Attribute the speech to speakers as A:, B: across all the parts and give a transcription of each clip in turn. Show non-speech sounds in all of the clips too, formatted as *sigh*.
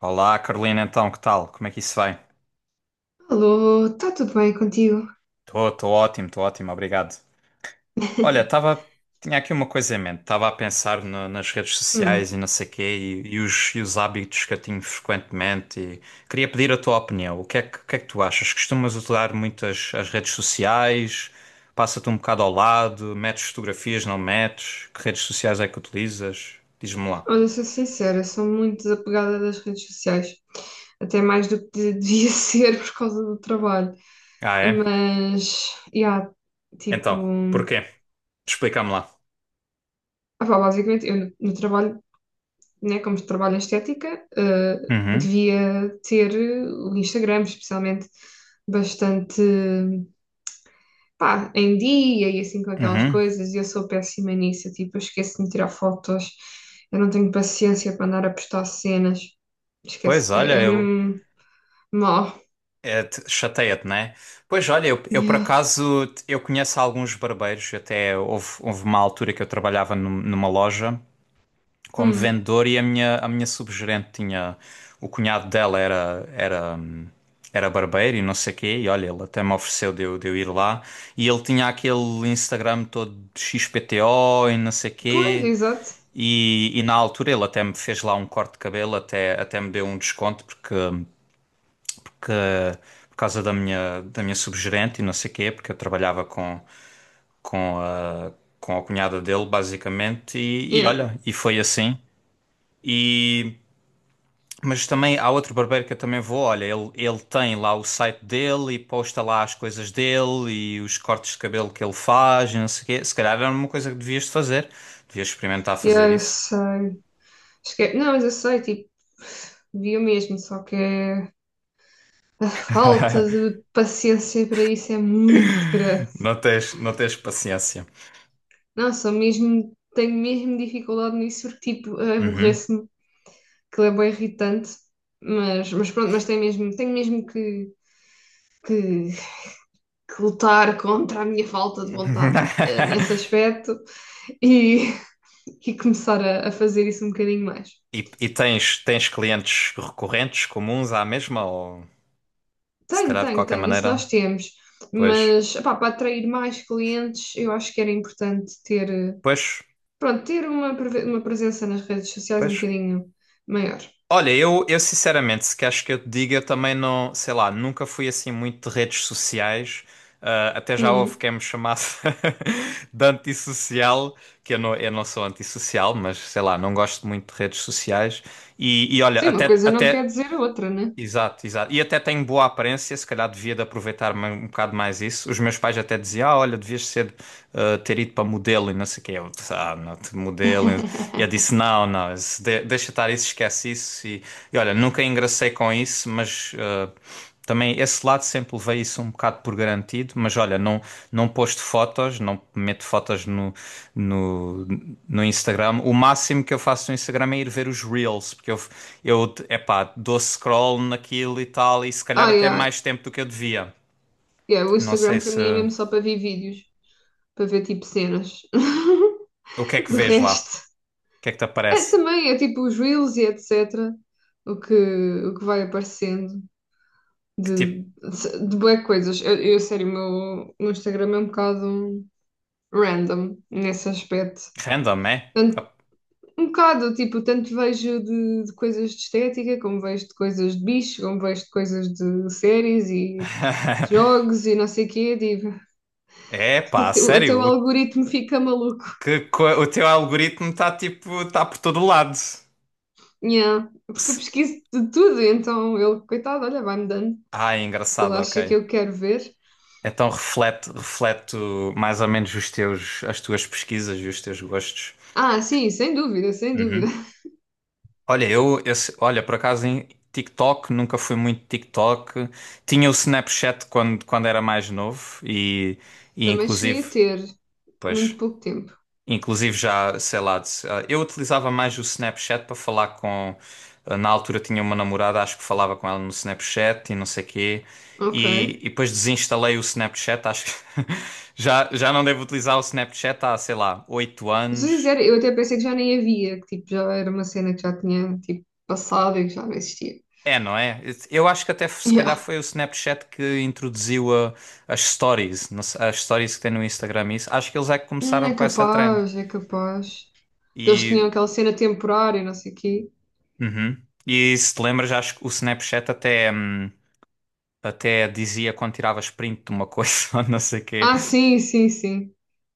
A: Olá, Carolina, então, que tal? Como é que isso vai?
B: Alô, está tudo bem contigo?
A: Estou ótimo, estou ótimo, obrigado. Olha,
B: *laughs*
A: estava, tinha aqui uma coisa em mente, estava a pensar nas redes sociais
B: Hum,
A: e não sei quê, e os hábitos que eu tenho frequentemente, e queria pedir a tua opinião. O que é que tu achas? Costumas utilizar muito as redes sociais? Passa-te um bocado ao lado? Metes fotografias, não metes? Que redes sociais é que utilizas? Diz-me lá.
B: olha, sou sincera, sou muito desapegada das redes sociais, até mais do que devia *laughs* ser por causa do trabalho.
A: Ah, é?
B: Mas, yeah, tipo,
A: Então, porquê? Explica-me lá.
B: basicamente, eu no trabalho, né, como trabalho em estética,
A: Uhum,
B: devia ter o Instagram, especialmente, bastante. Pá, em dia e assim com aquelas
A: uhum.
B: coisas, e eu sou péssima nisso, eu, tipo, eu esqueço de me tirar fotos, eu não tenho paciência para andar a postar cenas,
A: Pois
B: esquece,
A: olha,
B: é
A: eu.
B: mesmo mal.
A: É, chateia-te, né? Pois olha, eu por
B: Yeah.
A: acaso eu conheço alguns barbeiros, até houve, houve uma altura que eu trabalhava numa loja como
B: Hum.
A: vendedor e a minha subgerente tinha o cunhado dela era, era, era barbeiro e não sei quê, e olha, ele até me ofereceu de eu ir lá e ele tinha aquele Instagram todo de XPTO e não sei
B: Pois,
A: quê.
B: exato.
A: E na altura ele até me fez lá um corte de cabelo, até me deu um desconto porque que por causa da minha subgerente e não sei quê, porque eu trabalhava com a, com a cunhada dele, basicamente, e
B: Yeah.
A: olha, e foi assim. E, mas também há outro barbeiro que eu também vou, olha, ele tem lá o site dele e posta lá as coisas dele e os cortes de cabelo que ele faz e não sei o quê. Se calhar era uma coisa que devias de fazer, devias experimentar fazer
B: Yeah, eu
A: isso.
B: sei. Esque... Não, mas eu sei, tipo, vi o mesmo, só que a falta
A: *laughs*
B: de paciência para isso é muito grande.
A: Não tens paciência.
B: Não, sou mesmo, tenho mesmo dificuldade nisso, porque, tipo,
A: Uhum.
B: aborreço-me, aquilo é bem irritante, mas, mas pronto, tenho mesmo, que, que lutar contra a minha falta de vontade, nesse
A: *laughs*
B: aspecto, e *laughs* e começar a fazer isso um bocadinho mais.
A: E tens clientes recorrentes comuns à mesma ou se calhar de qualquer
B: Tenho, isso
A: maneira?
B: nós temos,
A: Pois,
B: mas epá, para atrair mais clientes eu acho que era importante ter,
A: pois,
B: pronto, ter uma, uma presença nas redes sociais um
A: pois.
B: bocadinho maior.
A: Olha, eu sinceramente, se queres que eu te diga, eu também não, sei lá, nunca fui assim muito de redes sociais. Ah, até já houve
B: Hum.
A: quem me chamasse *laughs* de antissocial, que eu não sou antissocial, mas sei lá, não gosto muito de redes sociais. E olha,
B: Sim, uma
A: até,
B: coisa não
A: até
B: quer dizer outra, né?
A: Exato, exato. E até tenho boa aparência, se calhar devia de aproveitar um bocado mais isso. Os meus pais até diziam, ah, olha, devias ser, ter ido para modelo e não sei o quê. Eu disse, ah, não, modelo. E eu
B: *laughs*
A: disse, não, não, isso deixa estar isso, esquece isso. E olha, nunca engracei com isso, mas também esse lado sempre levei isso um bocado por garantido, mas olha, não, não posto fotos, não meto fotos no, no, no Instagram. O máximo que eu faço no Instagram é ir ver os Reels, porque eu epá, dou scroll naquilo e tal, e se calhar
B: Ai,
A: até
B: ai.
A: mais tempo do que eu devia.
B: Yeah, o
A: Não
B: Instagram
A: sei
B: para
A: se.
B: mim é mesmo só para ver vídeos, para ver tipo cenas.
A: O que é
B: *laughs*
A: que
B: De
A: vês lá?
B: resto,
A: O que é que te
B: é
A: aparece?
B: também, é tipo os reels e etc. O que vai aparecendo
A: Que tipo.
B: de bué coisas. Sério, meu Instagram é um bocado random nesse aspecto.
A: Random, é?
B: Tanto- um bocado, tipo, tanto vejo de coisas de estética, como vejo de coisas de bicho, como vejo de coisas de séries e de
A: *laughs*
B: jogos e não sei o quê. Digo,
A: É
B: *laughs*
A: pá,
B: até, até o
A: sério, o,
B: algoritmo fica maluco.
A: que, o teu algoritmo está tipo, está por todo lado.
B: Yeah, porque eu
A: Se-
B: pesquiso de tudo, então ele, coitado, olha, vai-me dando
A: Ah, é
B: o que ele
A: engraçado,
B: acha que
A: ok.
B: eu quero ver.
A: Então reflete mais ou menos as tuas pesquisas e os teus gostos.
B: Ah, sim, sem dúvida, sem dúvida.
A: Uhum. Olha, eu, esse, olha, por acaso em TikTok, nunca fui muito TikTok. Tinha o Snapchat quando, quando era mais novo
B: *laughs*
A: e
B: Também
A: inclusive,
B: cheguei a ter
A: pois,
B: muito pouco tempo.
A: Inclusive já, sei lá, ah, eu utilizava mais o Snapchat para falar com. Ah, Na altura tinha uma namorada, acho que falava com ela no Snapchat e não sei quê.
B: Ok.
A: E depois desinstalei o Snapchat, acho que *laughs* já, já não devo utilizar o Snapchat há, sei lá, oito
B: Sou
A: anos.
B: sincera, eu até pensei que já nem havia, que tipo, já era uma cena que já tinha tipo, passado e que já não existia.
A: É, não é? Eu acho que até se calhar
B: Yeah.
A: foi o Snapchat que introduziu as stories, não sei- as stories que tem no Instagram. Isso. Acho que eles é que começaram
B: É
A: com essa trend.
B: capaz, é capaz. Que eles tinham
A: E,
B: aquela cena temporária, não sei o quê.
A: uhum. E se te lembras, acho que o Snapchat até. Até dizia quando tiravas print de uma coisa *laughs* ou não sei o quê.
B: Ah, sim, sim, sim.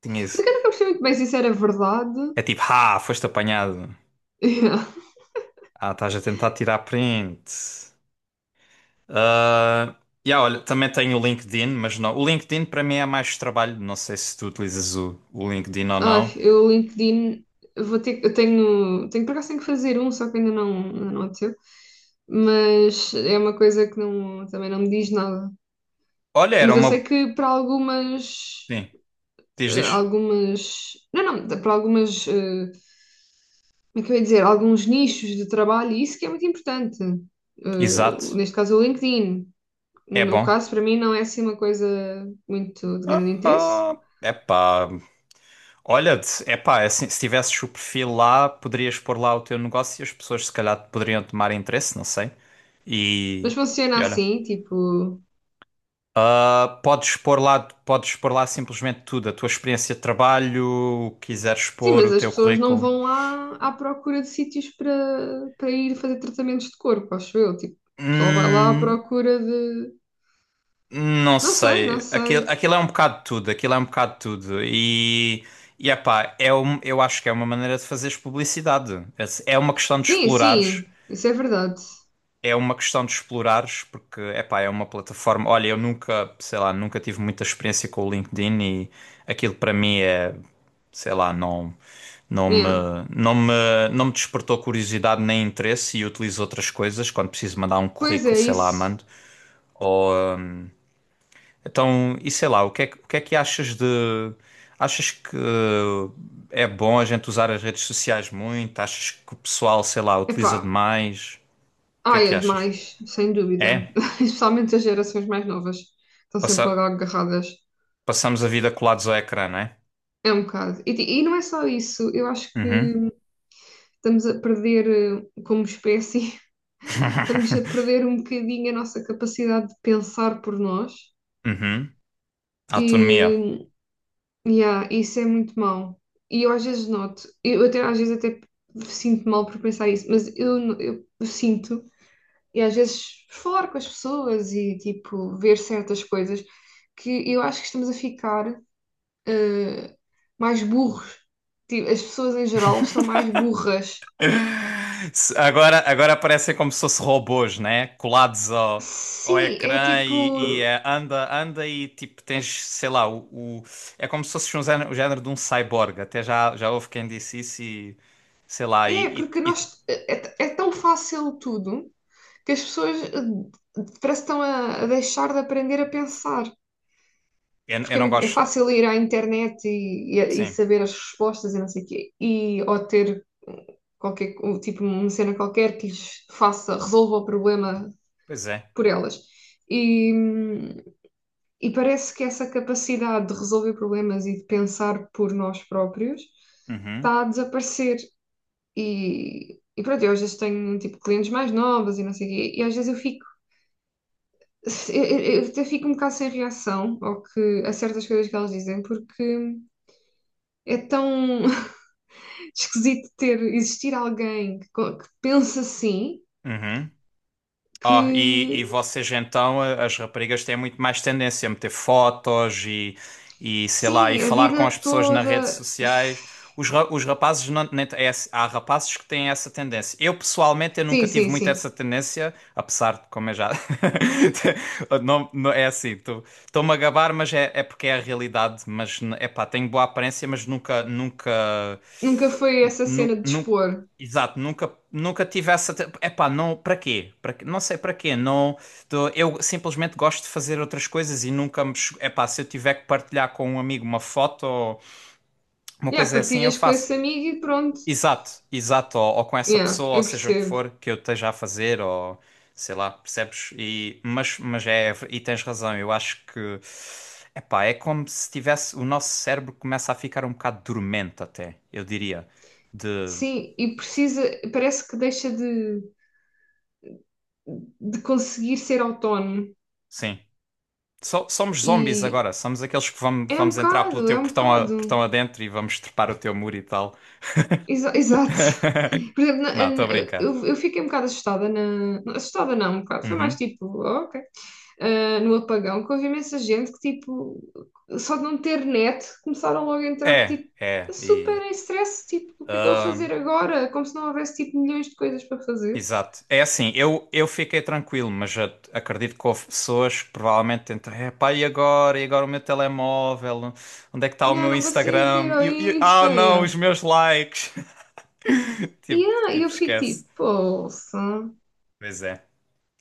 A: Tinha
B: Só
A: isso.
B: que eu nunca percebi muito bem se isso era verdade.
A: É tipo, ah, foste apanhado.
B: *laughs*
A: Ah, estás a tentar tirar print. Ah, yeah, olha, também tenho o LinkedIn, mas não. O LinkedIn para mim é mais trabalho. Não sei se tu utilizas o LinkedIn ou
B: Ai,
A: não.
B: eu o LinkedIn vou ter, tenho por acaso tenho que fazer um, só que ainda não aconteceu, mas é uma coisa que não, também não me diz nada.
A: Olha, era
B: Mas eu sei
A: uma.
B: que para algumas,
A: Sim, diz,
B: eh,
A: diz.
B: algumas, não, não, para algumas, como é que eu ia dizer, alguns nichos de trabalho, isso que é muito importante. Eh,
A: Exato.
B: neste caso o LinkedIn.
A: É
B: No meu
A: bom.
B: caso, para mim não é assim uma coisa muito de
A: Ah,
B: grande interesse,
A: ah, epá, Olha, se- epá, é assim, se tivesses o perfil lá, poderias pôr lá o teu negócio e as pessoas se calhar poderiam tomar interesse, não sei. E,
B: mas funciona
A: e olha,
B: assim, tipo.
A: ah, podes pôr lá simplesmente tudo, a tua experiência de trabalho, o que quiseres
B: Sim,
A: pôr,
B: mas
A: o
B: as
A: teu
B: pessoas não
A: currículo.
B: vão lá à procura de sítios para, para ir fazer tratamentos de corpo, acho eu. Tipo, o pessoal vai lá à
A: Hum,
B: procura de.
A: não
B: Não sei, não
A: sei, aquilo,
B: sei.
A: aquilo é um bocado de tudo, aquilo é um bocado de tudo. E epá, é um, eu acho que é uma maneira de fazeres publicidade. É é uma questão de
B: Sim,
A: explorares.
B: sim, isso é verdade.
A: É uma questão de explorares, porque, epá, é uma plataforma. Olha, eu nunca, sei lá, nunca tive muita experiência com o LinkedIn e aquilo para mim é, sei lá, não, não me,
B: Yeah.
A: não me despertou curiosidade nem interesse e utilizo outras coisas quando preciso mandar um
B: Pois
A: currículo,
B: é,
A: sei lá,
B: isso.
A: mando. Ou, então, e sei lá, o que é, o que é que achas de. Achas que é bom a gente usar as redes sociais muito? Achas que o pessoal, sei lá,
B: Epá,
A: utiliza demais? O que é
B: ai,
A: que
B: é
A: achas?
B: demais, sem dúvida.
A: É?
B: *laughs* Especialmente as gerações mais novas estão sempre
A: Passa.
B: agarradas.
A: Passamos a vida colados ao ecrã, não é?
B: É um bocado. E, e não é só isso, eu acho que
A: Uhum.
B: estamos a perder, como espécie, *laughs* estamos a
A: *laughs*
B: perder um bocadinho a nossa capacidade de pensar por nós.
A: Uhum. Autonomia.
B: E yeah, isso é muito mau. E eu às vezes noto, eu até, às vezes até sinto mal por pensar isso, mas eu sinto, e às vezes por falar com as pessoas e tipo ver certas coisas, que eu acho que estamos a ficar eh, mais burros. Tipo, as pessoas em geral estão mais burras.
A: Se- Agora, agora parecem como se fossem robôs, né? Colados ao, ao
B: Sim, é
A: ecrã
B: tipo,
A: e, anda, anda e tipo tens, sei lá, o, é como se fosse um género, o género de um cyborg. Até já, já houve quem disse isso e sei lá,
B: é
A: e,
B: porque nós é, é é tão fácil tudo que as pessoas, parece que estão a deixar de aprender a pensar.
A: eu
B: Porque é,
A: não
B: muito, é
A: gosto.
B: fácil ir à internet e, e
A: Sim,
B: saber as respostas e não sei o quê, e, ou ter qualquer, um tipo, uma cena qualquer que lhes faça, resolva o problema
A: pois é.
B: por elas. E, e parece que essa capacidade de resolver problemas e de pensar por nós próprios
A: Uhum.
B: está a desaparecer. E pronto, eu às vezes tenho tipo clientes mais novas e não sei o quê, e às vezes eu fico, *laughs* eu até fico um bocado sem reação ao que, a certas coisas que elas dizem, porque é tão *laughs* esquisito ter existir alguém que, que pensa assim,
A: Uhum. Ah, e
B: que
A: vocês então, as raparigas têm muito mais tendência a meter fotos e sei lá, e
B: sim, a
A: falar com as
B: vida
A: pessoas nas redes
B: toda.
A: sociais. Os, os rapazes, não, nem t- é assim- há rapazes que têm essa tendência. Eu pessoalmente, eu nunca
B: Sim,
A: tive
B: sim,
A: muito
B: sim.
A: essa tendência, apesar de, como eu já. *laughs* não, é assim, estou-me a gabar, mas é, é porque é a realidade. Mas, é pá, tenho boa aparência, mas nunca, nunca.
B: Nunca foi essa
A: Nu,
B: cena de
A: nu-
B: expor.
A: Exato, nunca, nunca tive essa. Epá, não, para quê? Para, quê? Não sei para quê. Não, eu simplesmente gosto de fazer outras coisas e nunca me. Epá, se eu tiver que partilhar com um amigo uma foto ou uma
B: Yeah,
A: coisa assim, eu
B: partilhas com
A: faço.
B: esse amigo e pronto.
A: Exato, exato. Ou com essa
B: Yeah,
A: pessoa, ou
B: eu
A: seja o que
B: percebo.
A: for que eu esteja a fazer, ou sei lá, percebes? E, mas é. E tens razão, eu acho que. Epá, é como se tivesse. O nosso cérebro começa a ficar um bocado dormente, até, eu diria. De.
B: Sim, e precisa, parece que deixa de conseguir ser autónomo.
A: Sim. Somos zombies
B: E
A: agora, somos aqueles que vamos,
B: é um
A: vamos entrar pelo
B: bocado, é
A: teu
B: um
A: portão, a, portão
B: bocado.
A: adentro e vamos trepar o teu muro e tal.
B: Exa- exato.
A: *laughs*
B: Por exemplo,
A: Não, estou a brincar.
B: eu fiquei um bocado assustada na. Assustada não, um bocado. Foi mais
A: Uhum.
B: tipo, "Oh, ok. Ah, no apagão, que houve imensa gente que, tipo, só de não ter net, começaram logo a entrar,
A: É,
B: tipo,
A: é, e.
B: super em stress, tipo, o que é que eu vou
A: ah,
B: fazer agora? Como se não houvesse, tipo, milhões de coisas para fazer.
A: exato. É assim, eu fiquei tranquilo, acredito que houve pessoas que provavelmente tentam, é pá, e agora? E agora o meu telemóvel? Onde é que está o
B: Ah,
A: meu
B: não consigo ir
A: Instagram?
B: ao
A: E, ah,
B: Insta,
A: não, os
B: yeah.
A: meus likes. *laughs* Tipo,
B: Yeah, e ah,
A: tipo,
B: eu fico
A: esquece.
B: tipo, poça,
A: Pois é,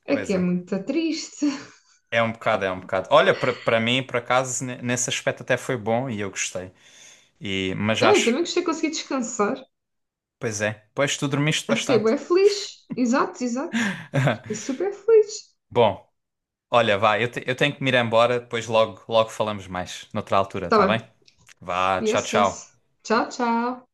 B: é
A: pois
B: que é
A: é.
B: muito triste. *laughs*
A: É um bocado, é um bocado. Olha, para para mim, por acaso, nesse aspecto até foi bom e eu gostei. E, mas
B: Ah, eu
A: acho,
B: também gostei de conseguir descansar.
A: pois é, pois tu dormiste
B: Eu fiquei
A: bastante.
B: bem feliz. Exato, exato. Fiquei
A: *laughs*
B: super feliz.
A: Bom, olha, vá, eu, eu tenho que me ir embora, depois logo, logo falamos mais, noutra altura,
B: Tá
A: tá bem?
B: bem.
A: Vá, tchau,
B: Yes, yes.
A: tchau.
B: Tchau, tchau.